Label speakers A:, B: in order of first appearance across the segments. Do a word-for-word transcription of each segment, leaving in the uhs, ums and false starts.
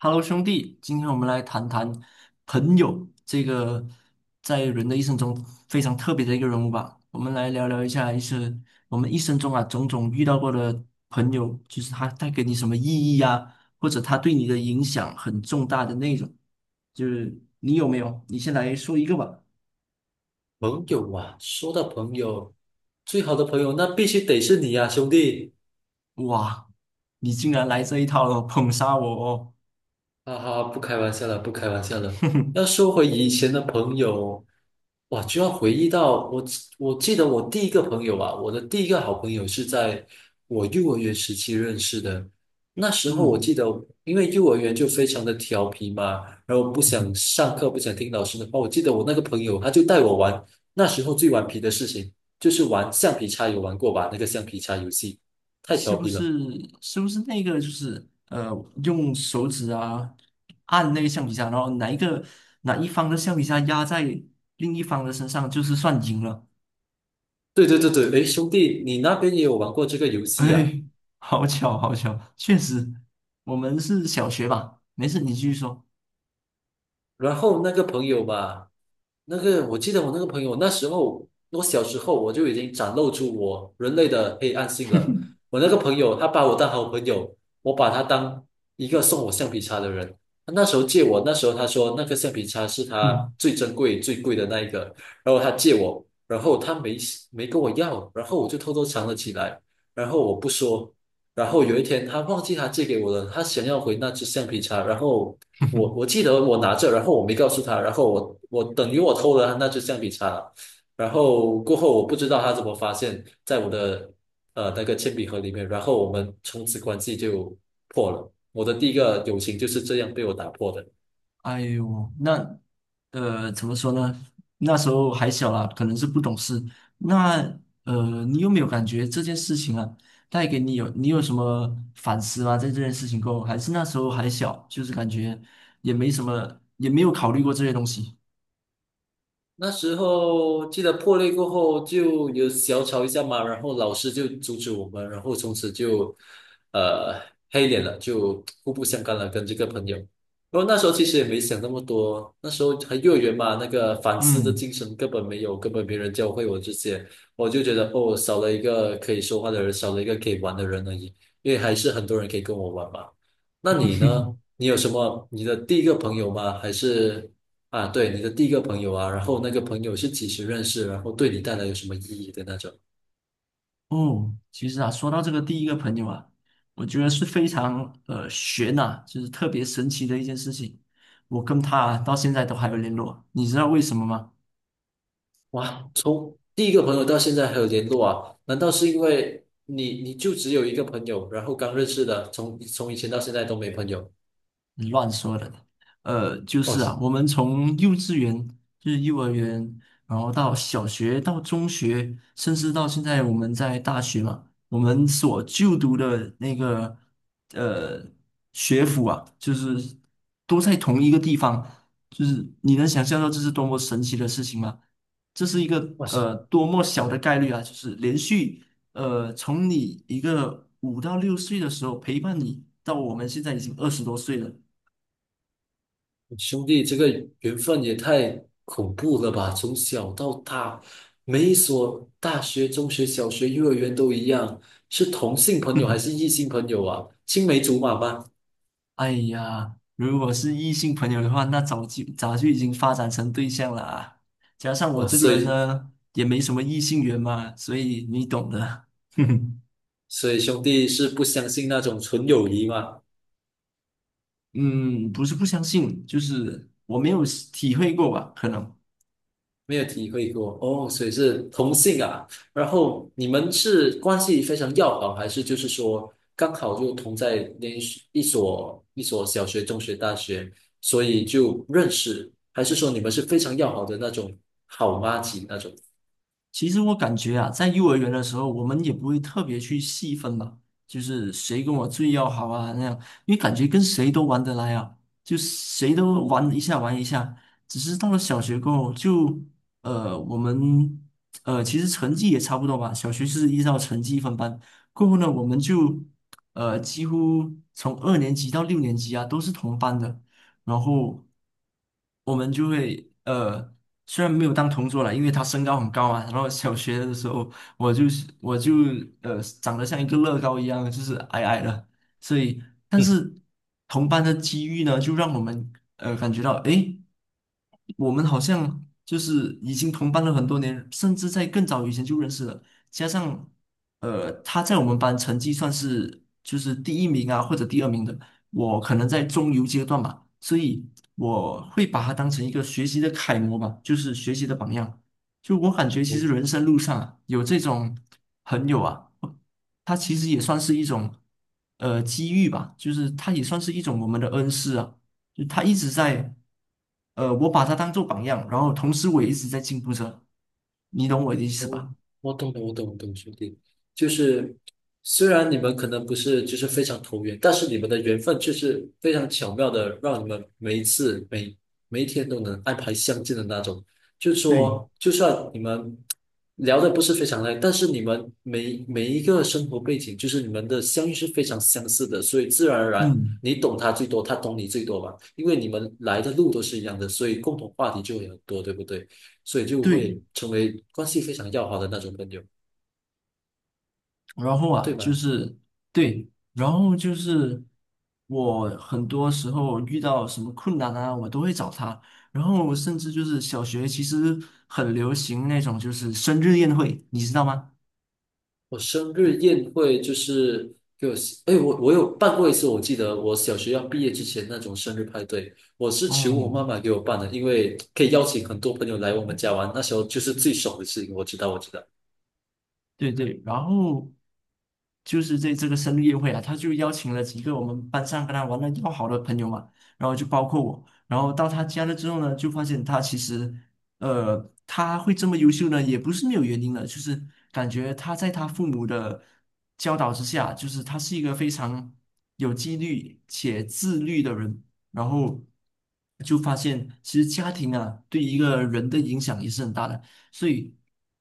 A: Hello，兄弟，今天我们来谈谈朋友这个在人的一生中非常特别的一个人物吧。我们来聊聊一下，一生我们一生中啊种种遇到过的朋友，就是他带给你什么意义啊，或者他对你的影响很重大的那种。就是你有没有？你先来说一个吧。
B: 朋友啊，说到朋友，最好的朋友那必须得是你呀、兄弟。
A: 哇，你竟然来这一套了，捧杀我哦！
B: 哈哈，不开玩笑了，不开玩笑了。
A: 哼哼，
B: 要说回以前的朋友，哇，就要回忆到我，我记得我第一个朋友啊，我的第一个好朋友是在我幼儿园时期认识的。那时候我
A: 嗯。
B: 记得，因为幼儿园就非常的调皮嘛，然后不想上课，不想听老师的话。我记得我那个朋友，他就带我玩，那时候最顽皮的事情就是玩橡皮擦，有玩过吧？那个橡皮擦游戏太
A: 是
B: 调
A: 不
B: 皮了。
A: 是是不是那个就是呃，用手指啊按那个橡皮擦，然后哪一个哪一方的橡皮擦压在另一方的身上，就是算赢了。
B: 对对对对，诶，兄弟，你那边也有玩过这个游 戏啊？
A: 哎，好巧，好巧，确实，我们是小学吧？没事，你继续说。
B: 然后那个朋友吧，那个我记得我那个朋友，那时候我小时候我就已经展露出我人类的黑暗性了。我那个朋友，他把我当好朋友，我把他当一个送我橡皮擦的人。他那时候借我，那时候他说那个橡皮擦是他
A: 嗯，
B: 最珍贵、最贵的那一个，然后他借我，然后他没没跟我要，然后我就偷偷藏了起来，然后我不说。然后有一天，他忘记他借给我了，他想要回那只橡皮擦，然后我 我记得我拿着，然后我没告诉他，然后我我等于我偷了他那支橡皮擦了。然后过后我不知道他怎么发现，在我的呃那个铅笔盒里面，然后我们从此关系就破了。我的第一个友情就是这样被我打破的。
A: 哎呦，那呃，怎么说呢？那时候还小啦，可能是不懂事。那呃，你有没有感觉这件事情啊，带给你有你有什么反思吗？在这件事情过后，还是那时候还小，就是感觉也没什么，也没有考虑过这些东西。
B: 那时候记得破裂过后就有小吵一下嘛，然后老师就阻止我们，然后从此就呃黑脸了，就互不相干了，跟这个朋友。然后那时候其实也没想那么多，那时候还幼儿园嘛，那个反思的
A: 嗯，
B: 精神根本没有，根本没人教会我这些，我就觉得哦，少了一个可以说话的人，少了一个可以玩的人而已，因为还是很多人可以跟我玩嘛。那你呢？你有什么你的第一个朋友吗？还是？啊，对，你的第一个朋友啊，然后那个朋友是几时认识，然后对你带来有什么意义的那种。
A: 哦，其实啊，说到这个第一个朋友啊，我觉得是非常呃悬呐、就是特别神奇的一件事情。我跟他啊到现在都还有联络，你知道为什么吗？
B: 哇，从第一个朋友到现在还有联络啊？难道是因为你你就只有一个朋友，然后刚认识的，从从以前到现在都没朋友？
A: 你乱说的。呃，就
B: 哇
A: 是啊，
B: 塞
A: 我们从幼稚园，就是幼儿园，然后到小学，到中学，甚至到现在我们在大学嘛，我们所就读的那个呃学府啊，就是都在同一个地方，就是你能想象到这是多么神奇的事情吗？这是一个
B: 哇塞，
A: 呃多么小的概率啊！就是连续呃从你一个五到六岁的时候陪伴你，到我们现在已经二十多岁了。
B: 兄弟，这个缘分也太恐怖了吧！从小到大，每一所大学、中学、小学、幼儿园都一样，是同性
A: 哼，
B: 朋友还是异性朋友啊？青梅竹马吗？
A: 哎呀，如果是异性朋友的话，那早就早就已经发展成对象了啊。加上我
B: 哇
A: 这个
B: 塞，
A: 人呢，也没什么异性缘嘛，所以你懂的。哼哼，
B: 所以兄弟是不相信那种纯友谊吗？
A: 嗯，不是不相信，就是我没有体会过吧，可能。
B: 没有体会过哦，所以是同性啊。然后你们是关系非常要好，还是就是说刚好就同在连一一所一所小学、中学、大学，所以就认识？还是说你们是非常要好的那种好妈吉那种？
A: 其实我感觉啊，在幼儿园的时候，我们也不会特别去细分嘛，就是谁跟我最要好啊那样，因为感觉跟谁都玩得来啊，就谁都玩一下玩一下。只是到了小学过后，就呃我们呃其实成绩也差不多吧，小学是依照成绩分班，过后呢我们就呃几乎从二年级到六年级啊都是同班的，然后我们就会呃，虽然没有当同桌了，因为他身高很高嘛，然后小学的时候我就是我就呃长得像一个乐高一样，就是矮矮的，所以但是同班的机遇呢，就让我们呃感觉到诶。我们好像就是已经同班了很多年，甚至在更早以前就认识了。加上，呃，他在我们班成绩算是就是第一名啊，或者第二名的。我可能在中游阶段吧，所以我会把他当成一个学习的楷模吧，就是学习的榜样。就我感觉，其实人生路上啊，有这种朋友啊，他其实也算是一种呃机遇吧，就是他也算是一种我们的恩师啊。就他一直在，呃，我把他当做榜样，然后同时我也一直在进步着，你懂我的意思
B: 哦，
A: 吧？
B: 我懂了，我懂，我懂，兄弟，就是虽然你们可能不是就是非常投缘，但是你们的缘分却是非常巧妙的，让你们每一次每每一天都能安排相见的那种。就是
A: 对，
B: 说，就算你们聊的不是非常累，但是你们每每一个生活背景，就是你们的相遇是非常相似的，所以自然而然
A: 嗯，
B: 你懂他最多，他懂你最多吧，因为你们来的路都是一样的，所以共同话题就会很多，对不对？所以就
A: 对，
B: 会成为关系非常要好的那种朋友，
A: 然后啊，
B: 对
A: 就
B: 吗？
A: 是对，然后就是我很多时候遇到什么困难啊，我都会找他，然后甚至就是小学其实很流行那种就是生日宴会，你知道吗？
B: 我生日宴会就是给我，哎，我我有办过一次，我记得我小学要毕业之前那种生日派对，我是求我妈
A: 嗯。
B: 妈给我办的，因为可以邀请很多朋友来我们家玩，那时候就是最爽的事情，我知道，我知道。
A: 对对，然后就是在这个生日宴会啊，他就邀请了几个我们班上跟他玩的要好的朋友嘛，然后就包括我，然后到他家了之后呢，就发现他其实，呃，他会这么优秀呢，也不是没有原因的，就是感觉他在他父母的教导之下，就是他是一个非常有纪律且自律的人，然后就发现其实家庭啊，对一个人的影响也是很大的。所以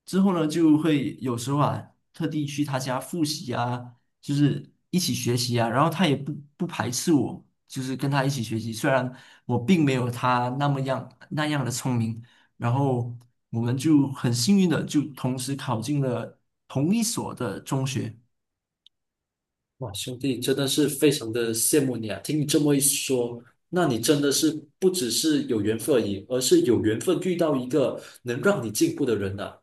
A: 之后呢，就会有时候啊，特地去他家复习啊，就是一起学习啊，然后他也不不排斥我，就是跟他一起学习，虽然我并没有他那么样那样的聪明，然后我们就很幸运的就同时考进了同一所的中学，
B: 哇，兄弟，真的是非常的羡慕你啊！听你这么一说，那你真的是不只是有缘分而已，而是有缘分遇到一个能让你进步的人啊。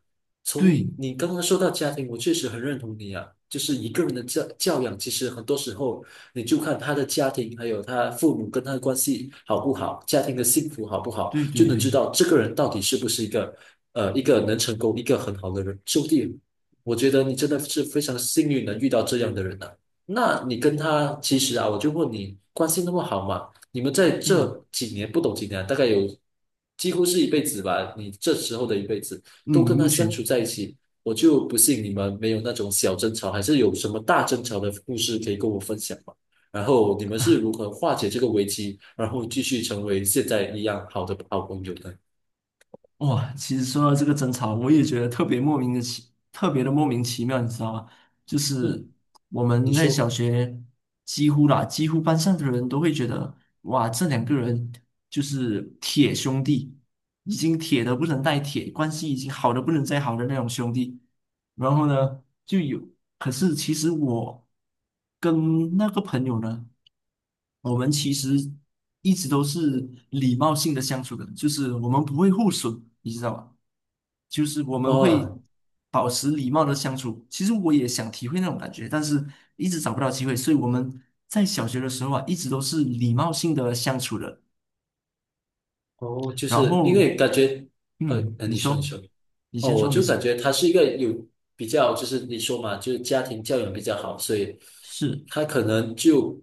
B: 从
A: 对
B: 你刚刚说到家庭，我确实很认同你啊。就是一个人的教教养，其实很多时候你就看他的家庭，还有他父母跟他的关系好不好，家庭的幸福好不好，
A: 对
B: 就
A: 对
B: 能知
A: 对，
B: 道这个人到底是不是一个呃一个能成功、一个很好的人。兄弟，我觉得你真的是非常幸运能遇到这样的人啊。那你跟他其实啊，我就问你，关系那么好嘛？你们在
A: 嗯
B: 这几年不懂几年啊大概有几乎是一辈子吧。你这时候的一辈子
A: 嗯，
B: 都跟
A: 目
B: 他相处
A: 前。
B: 在一起，我就不信你们没有那种小争吵，还是有什么大争吵的故事可以跟我分享吗？然后你们是如何化解这个危机，然后继续成为现在一样好的好朋友的？
A: 哇，其实说到这个争吵，我也觉得特别莫名的奇，特别的莫名其妙，你知道吗？就是
B: 嗯，
A: 我
B: 你
A: 们在小
B: 说
A: 学几乎啦，几乎班上的人都会觉得，哇，这两个人就是铁兄弟，已经铁的不能再铁，关系已经好的不能再好的那种兄弟。然后呢，就有，可是其实我跟那个朋友呢。我们其实一直都是礼貌性的相处的，就是我们不会互损，你知道吧？就是我们会
B: 哦
A: 保持礼貌的相处。其实我也想体会那种感觉，但是一直找不到机会，所以我们在小学的时候啊，一直都是礼貌性的相处的。
B: 哦，就
A: 然
B: 是因
A: 后，
B: 为感觉呃，
A: 嗯，
B: 呃
A: 你
B: 你说你
A: 说，
B: 说。
A: 你
B: 哦，
A: 先
B: 我
A: 说，没
B: 就
A: 事，
B: 感觉他是一个有比较，就是你说嘛，就是家庭教养比较好，所以
A: 是。
B: 他可能就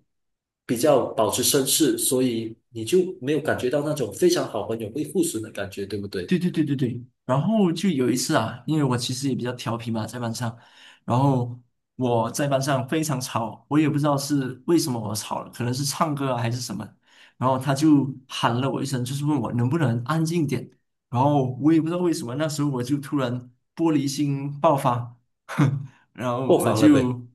B: 比较保持绅士，所以你就没有感觉到那种非常好朋友会互损的感觉，对不对？
A: 对对对对对，然后就有一次啊，因为我其实也比较调皮嘛，在班上，然后我在班上非常吵，我也不知道是为什么我吵了，可能是唱歌啊还是什么，然后他就喊了我一声，就是问我能不能安静点，然后我也不知道为什么，那时候我就突然玻璃心爆发，然后
B: 破
A: 我
B: 防了呗。
A: 就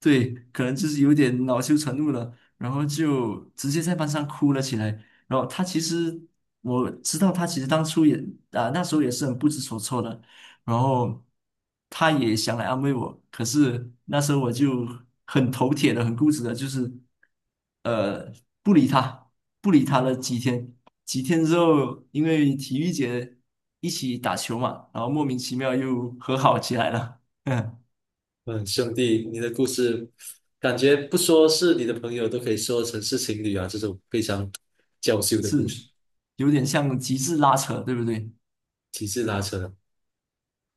A: 对，可能就是有点恼羞成怒了，然后就直接在班上哭了起来。然后他其实我知道，他其实当初也啊、那时候也是很不知所措的，然后他也想来安慰我，可是那时候我就很头铁的、很固执的，就是呃不理他，不理他了几天，几天之后，因为体育节一起打球嘛，然后莫名其妙又和好起来了，嗯，
B: 嗯，兄弟，你的故事感觉不说是你的朋友，都可以说成是情侣啊，这种非常娇羞的故
A: 是
B: 事，
A: 有点像极致拉扯，对不对？
B: 极致拉扯啊。